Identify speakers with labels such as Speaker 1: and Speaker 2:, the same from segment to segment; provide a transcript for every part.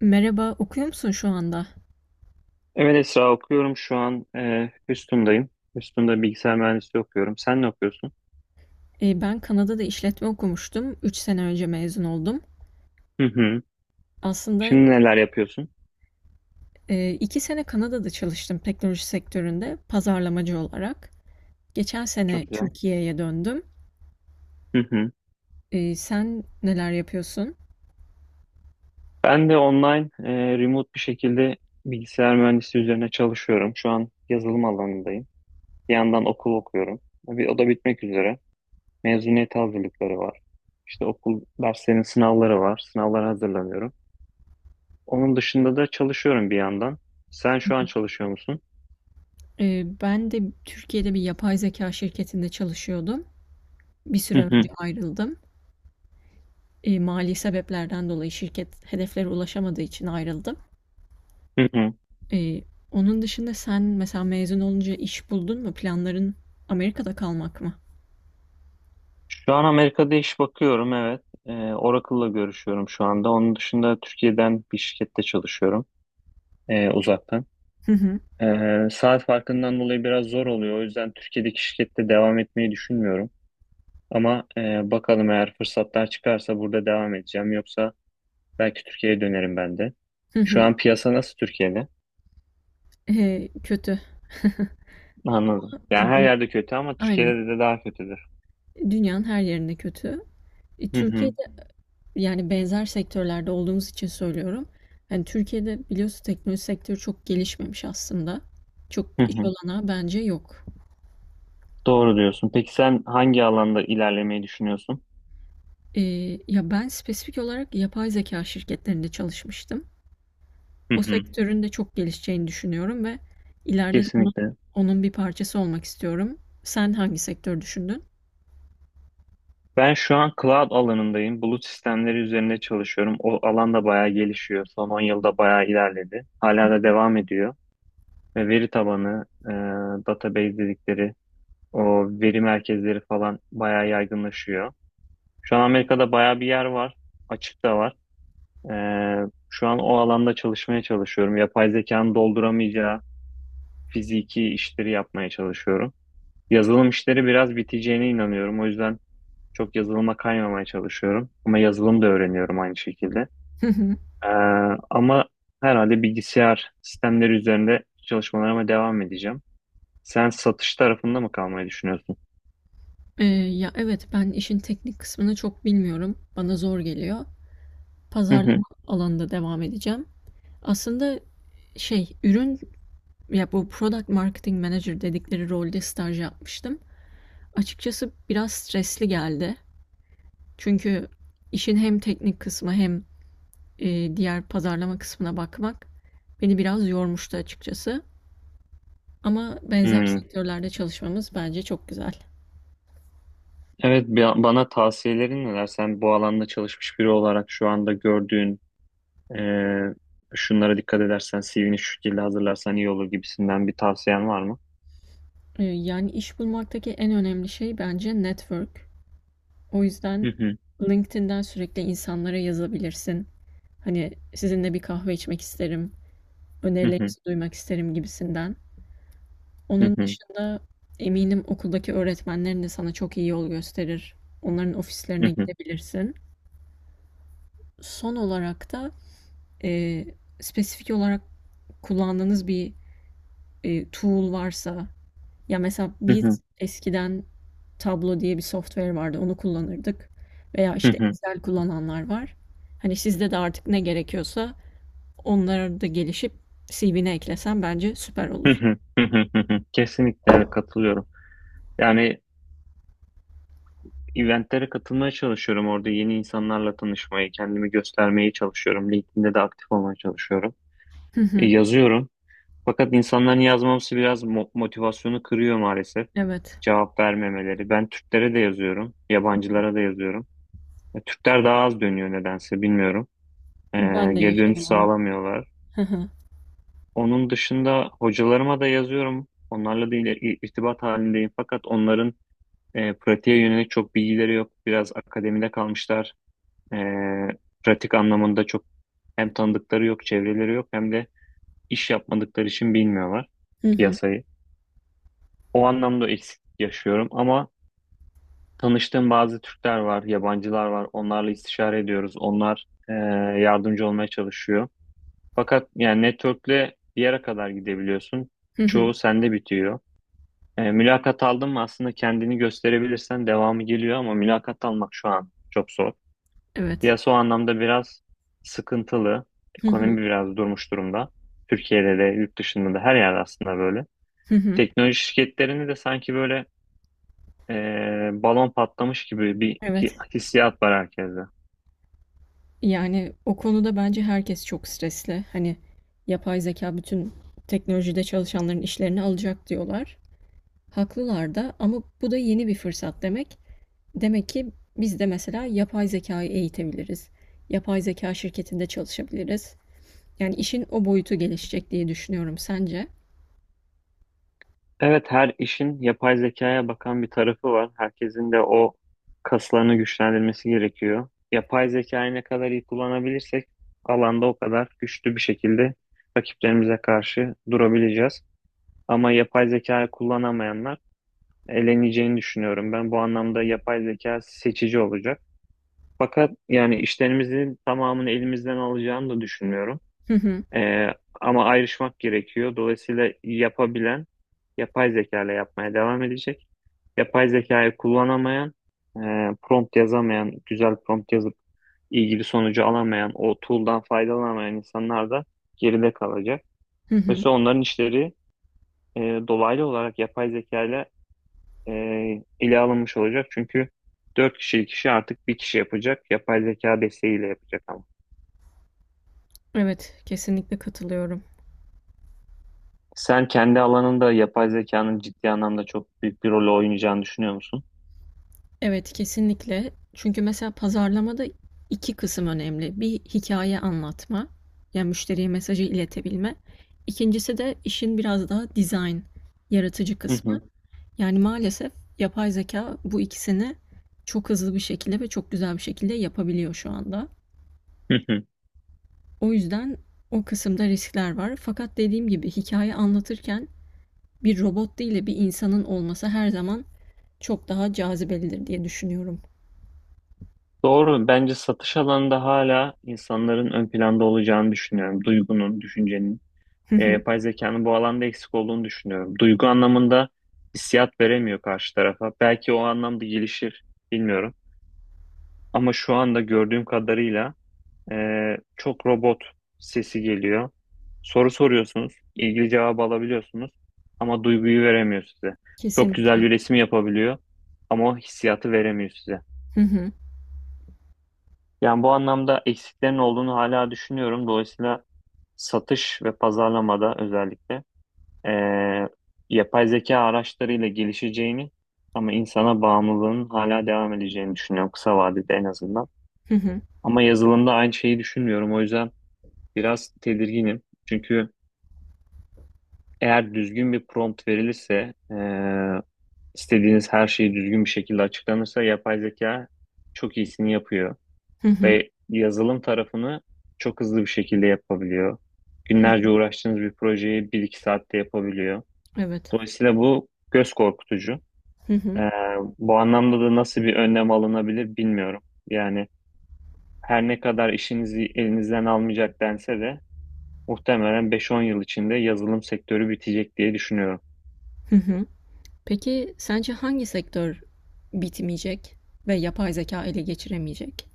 Speaker 1: Merhaba, okuyor musun şu anda?
Speaker 2: Evet Esra okuyorum şu an. Houston'dayım. Houston'da bilgisayar mühendisliği okuyorum. Sen ne okuyorsun?
Speaker 1: Ben Kanada'da işletme okumuştum. Üç sene önce mezun oldum.
Speaker 2: Hı hı.
Speaker 1: Aslında
Speaker 2: Şimdi neler yapıyorsun?
Speaker 1: iki sene Kanada'da çalıştım teknoloji sektöründe pazarlamacı olarak. Geçen sene
Speaker 2: Çok güzel.
Speaker 1: Türkiye'ye döndüm.
Speaker 2: Hı hı.
Speaker 1: Sen neler yapıyorsun?
Speaker 2: Ben de online, remote bir şekilde bilgisayar mühendisliği üzerine çalışıyorum. Şu an yazılım alanındayım. Bir yandan okul okuyorum. O da bitmek üzere. Mezuniyet hazırlıkları var. İşte okul derslerinin sınavları var. Sınavlara hazırlanıyorum. Onun dışında da çalışıyorum bir yandan. Sen şu an çalışıyor musun?
Speaker 1: Ben de Türkiye'de bir yapay zeka şirketinde çalışıyordum. Bir
Speaker 2: Hı
Speaker 1: süre önce
Speaker 2: hı.
Speaker 1: ayrıldım. Mali sebeplerden dolayı şirket hedeflere ulaşamadığı için ayrıldım.
Speaker 2: Hı hı.
Speaker 1: Eee, Onun dışında sen mesela mezun olunca iş buldun mu? Planların Amerika'da kalmak mı?
Speaker 2: Şu an Amerika'da iş bakıyorum, evet. Oracle'la görüşüyorum şu anda. Onun dışında Türkiye'den bir şirkette çalışıyorum, uzaktan.
Speaker 1: Hı hı.
Speaker 2: Saat farkından dolayı biraz zor oluyor. O yüzden Türkiye'deki şirkette devam etmeyi düşünmüyorum. Ama bakalım, eğer fırsatlar çıkarsa burada devam edeceğim. Yoksa belki Türkiye'ye dönerim ben de.
Speaker 1: Hı
Speaker 2: Şu
Speaker 1: hı.
Speaker 2: an piyasa nasıl Türkiye'de?
Speaker 1: Kötü.
Speaker 2: Anladım. Yani her
Speaker 1: Dü-
Speaker 2: yerde kötü ama
Speaker 1: Aynen.
Speaker 2: Türkiye'de de daha kötüdür.
Speaker 1: Dünyanın her yerinde kötü.
Speaker 2: Hı hı.
Speaker 1: Türkiye'de yani benzer sektörlerde olduğumuz için söylüyorum. Yani Türkiye'de biliyorsun teknoloji sektörü çok gelişmemiş aslında. Çok
Speaker 2: Hı
Speaker 1: iş
Speaker 2: hı.
Speaker 1: olanağı bence yok.
Speaker 2: Doğru diyorsun. Peki sen hangi alanda ilerlemeyi düşünüyorsun?
Speaker 1: Ya ben spesifik olarak yapay zeka şirketlerinde çalışmıştım.
Speaker 2: Hı
Speaker 1: O
Speaker 2: hı.
Speaker 1: sektörün de çok gelişeceğini düşünüyorum ve ileride de onun,
Speaker 2: Kesinlikle.
Speaker 1: onun bir parçası olmak istiyorum. Sen hangi sektör düşündün?
Speaker 2: Ben şu an cloud alanındayım. Bulut sistemleri üzerinde çalışıyorum. O alan da bayağı gelişiyor. Son 10 yılda bayağı ilerledi. Hala da devam ediyor. Ve veri tabanı, database dedikleri o veri merkezleri falan bayağı yaygınlaşıyor. Şu an Amerika'da bayağı bir yer var. Açık da var. E, Şu an o alanda çalışmaya çalışıyorum. Yapay zekanın dolduramayacağı fiziki işleri yapmaya çalışıyorum. Yazılım işleri biraz biteceğine inanıyorum. O yüzden çok yazılıma kaymamaya çalışıyorum. Ama yazılım da öğreniyorum aynı şekilde.
Speaker 1: Hı hı.
Speaker 2: Ee, ama herhalde bilgisayar sistemleri üzerinde çalışmalarıma devam edeceğim. Sen satış tarafında mı kalmayı düşünüyorsun?
Speaker 1: Ya evet, ben işin teknik kısmını çok bilmiyorum. Bana zor geliyor.
Speaker 2: Hı hı.
Speaker 1: Pazarlama alanında devam edeceğim. Aslında şey ürün ya bu product marketing manager dedikleri rolde staj yapmıştım. Açıkçası biraz stresli geldi. Çünkü işin hem teknik kısmı hem diğer pazarlama kısmına bakmak beni biraz yormuştu açıkçası. Ama benzer
Speaker 2: Hmm.
Speaker 1: sektörlerde çalışmamız bence çok güzel.
Speaker 2: Evet, bana tavsiyelerin neler? Sen bu alanda çalışmış biri olarak şu anda gördüğün, şunlara dikkat edersen, CV'ni şu şekilde hazırlarsan iyi olur gibisinden bir tavsiyen var mı?
Speaker 1: Yani iş bulmaktaki en önemli şey bence network. O
Speaker 2: Hı
Speaker 1: yüzden
Speaker 2: hı.
Speaker 1: LinkedIn'den sürekli insanlara yazabilirsin. Hani sizinle bir kahve içmek isterim,
Speaker 2: Hı hı.
Speaker 1: önerilerinizi duymak isterim gibisinden.
Speaker 2: Hı
Speaker 1: Onun
Speaker 2: hı.
Speaker 1: dışında eminim okuldaki öğretmenlerin de sana çok iyi yol gösterir. Onların ofislerine
Speaker 2: Hı hı.
Speaker 1: gidebilirsin. Son olarak da e, spesifik olarak kullandığınız bir tool varsa, ya mesela
Speaker 2: Hı hı.
Speaker 1: biz eskiden Tableau diye bir software vardı, onu kullanırdık veya
Speaker 2: Hı
Speaker 1: işte
Speaker 2: hı.
Speaker 1: Excel kullananlar var. Hani sizde de artık ne gerekiyorsa onlara da gelişip CV'ne eklesen bence süper
Speaker 2: Hı
Speaker 1: olur.
Speaker 2: hı. Hı hı. Kesinlikle, evet, katılıyorum. Yani eventlere katılmaya çalışıyorum. Orada yeni insanlarla tanışmayı, kendimi göstermeye çalışıyorum. LinkedIn'de de aktif olmaya çalışıyorum.
Speaker 1: Hı hı.
Speaker 2: Yazıyorum. Fakat insanların yazmaması biraz motivasyonu kırıyor maalesef.
Speaker 1: Evet.
Speaker 2: Cevap vermemeleri. Ben Türklere de yazıyorum. Yabancılara da yazıyorum. Türkler daha az dönüyor, nedense bilmiyorum. E,
Speaker 1: Ben de
Speaker 2: geri dönüş
Speaker 1: yaşadım onu.
Speaker 2: sağlamıyorlar.
Speaker 1: Hı hı.
Speaker 2: Onun dışında hocalarıma da yazıyorum. Onlarla da irtibat halindeyim. Fakat onların pratiğe yönelik çok bilgileri yok. Biraz akademide kalmışlar. E, pratik anlamında çok hem tanıdıkları yok, çevreleri yok, hem de iş yapmadıkları için bilmiyorlar
Speaker 1: Hı hı.
Speaker 2: piyasayı. O anlamda eksiklik yaşıyorum ama tanıştığım bazı Türkler var, yabancılar var. Onlarla istişare ediyoruz. Onlar yardımcı olmaya çalışıyor. Fakat yani network'le bir yere kadar gidebiliyorsun.
Speaker 1: Hı hı.
Speaker 2: Çoğu sende bitiyor. Mülakat aldın mı, aslında kendini gösterebilirsen devamı geliyor, ama mülakat almak şu an çok zor.
Speaker 1: Evet.
Speaker 2: Piyasa o anlamda biraz sıkıntılı.
Speaker 1: Hı hı.
Speaker 2: Ekonomi biraz durmuş durumda. Türkiye'de de, yurt dışında da, her yerde aslında böyle.
Speaker 1: Hı hı.
Speaker 2: Teknoloji şirketlerini de sanki böyle, balon patlamış gibi bir
Speaker 1: Evet.
Speaker 2: hissiyat var herkeste.
Speaker 1: Yani o konuda bence herkes çok stresli. Hani yapay zeka bütün teknolojide çalışanların işlerini alacak diyorlar. Haklılar da ama bu da yeni bir fırsat demek. Demek ki biz de mesela yapay zekayı eğitebiliriz. Yapay zeka şirketinde çalışabiliriz. Yani işin o boyutu gelişecek diye düşünüyorum. Sence?
Speaker 2: Evet, her işin yapay zekaya bakan bir tarafı var. Herkesin de o kaslarını güçlendirmesi gerekiyor. Yapay zekayı ne kadar iyi kullanabilirsek alanda o kadar güçlü bir şekilde rakiplerimize karşı durabileceğiz. Ama yapay zekayı kullanamayanlar eleneceğini düşünüyorum. Ben bu anlamda yapay zeka seçici olacak. Fakat yani işlerimizin tamamını elimizden alacağını da düşünmüyorum.
Speaker 1: Hı hı.
Speaker 2: Ee, ama ayrışmak gerekiyor. Dolayısıyla yapabilen yapay zeka ile yapmaya devam edecek. Yapay zekayı kullanamayan, e, prompt yazamayan, güzel prompt yazıp ilgili sonucu alamayan, o tool'dan faydalanamayan insanlar da geride kalacak.
Speaker 1: Hı hı.
Speaker 2: Mesela onların işleri e, dolaylı olarak yapay zekayla e, ele alınmış olacak. Çünkü 4 kişilik işi artık bir kişi yapacak. Yapay zeka desteğiyle yapacak ama.
Speaker 1: Evet, kesinlikle katılıyorum.
Speaker 2: Sen kendi alanında yapay zekanın ciddi anlamda çok büyük bir rol oynayacağını düşünüyor musun?
Speaker 1: Evet, kesinlikle. Çünkü mesela pazarlamada iki kısım önemli. Bir, hikaye anlatma, yani müşteriye mesajı iletebilme. İkincisi de işin biraz daha dizayn, yaratıcı
Speaker 2: Hı
Speaker 1: kısmı.
Speaker 2: hı.
Speaker 1: Yani maalesef yapay zeka bu ikisini çok hızlı bir şekilde ve çok güzel bir şekilde yapabiliyor şu anda.
Speaker 2: Hı hı.
Speaker 1: O yüzden o kısımda riskler var. Fakat dediğim gibi hikaye anlatırken bir robot değil de bir insanın olması her zaman çok daha cazibelidir diye düşünüyorum.
Speaker 2: Doğru. Bence satış alanında hala insanların ön planda olacağını düşünüyorum. Duygunun, düşüncenin. Yapay zekanın bu alanda eksik olduğunu düşünüyorum. Duygu anlamında hissiyat veremiyor karşı tarafa. Belki o anlamda gelişir, bilmiyorum. Ama şu anda gördüğüm kadarıyla çok robot sesi geliyor. Soru soruyorsunuz, ilgili cevabı alabiliyorsunuz ama duyguyu veremiyor size. Çok güzel
Speaker 1: Kesinlikle.
Speaker 2: bir resim yapabiliyor ama o hissiyatı veremiyor size.
Speaker 1: Hı hı.
Speaker 2: Yani bu anlamda eksiklerin olduğunu hala düşünüyorum. Dolayısıyla satış ve pazarlamada özellikle ee, yapay zeka araçlarıyla gelişeceğini, ama insana bağımlılığın hala devam edeceğini düşünüyorum, kısa vadede en azından.
Speaker 1: Hı hı.
Speaker 2: Ama yazılımda aynı şeyi düşünmüyorum. O yüzden biraz tedirginim. Çünkü eğer düzgün bir prompt verilirse, istediğiniz her şeyi düzgün bir şekilde açıklanırsa, yapay zeka çok iyisini yapıyor
Speaker 1: Hı hı.
Speaker 2: ve yazılım tarafını çok hızlı bir şekilde yapabiliyor.
Speaker 1: Hı.
Speaker 2: Günlerce uğraştığınız bir projeyi bir iki saatte yapabiliyor.
Speaker 1: Evet.
Speaker 2: Dolayısıyla bu göz korkutucu.
Speaker 1: Hı hı.
Speaker 2: E, bu anlamda da nasıl bir önlem alınabilir bilmiyorum. Yani her ne kadar işinizi elinizden almayacak dense de muhtemelen 5-10 yıl içinde yazılım sektörü bitecek diye düşünüyorum.
Speaker 1: Hı hı. Peki sence hangi sektör bitmeyecek ve yapay zeka ele geçiremeyecek?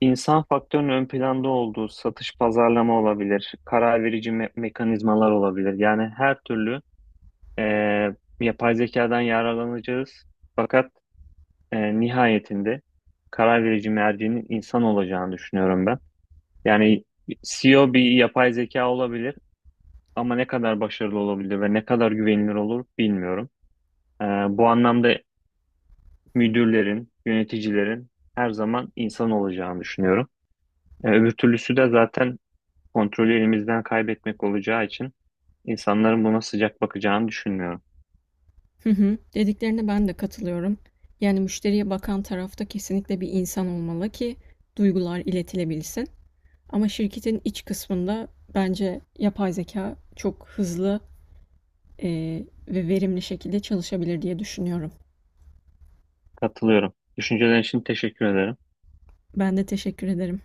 Speaker 2: İnsan faktörünün ön planda olduğu satış pazarlama olabilir, karar verici mekanizmalar olabilir. Yani her türlü yapay zekadan yararlanacağız. Fakat nihayetinde karar verici mercinin insan olacağını düşünüyorum ben. Yani CEO bir yapay zeka olabilir ama ne kadar başarılı olabilir ve ne kadar güvenilir olur bilmiyorum. Bu anlamda müdürlerin, yöneticilerin her zaman insan olacağını düşünüyorum. Öbür türlüsü de zaten kontrolü elimizden kaybetmek olacağı için insanların buna sıcak bakacağını düşünmüyorum.
Speaker 1: Hı hı. Dediklerine ben de katılıyorum. Yani müşteriye bakan tarafta kesinlikle bir insan olmalı ki duygular iletilebilsin. Ama şirketin iç kısmında bence yapay zeka çok hızlı e, ve verimli şekilde çalışabilir diye düşünüyorum.
Speaker 2: Katılıyorum. Düşüncelerin için teşekkür ederim.
Speaker 1: Ben de teşekkür ederim.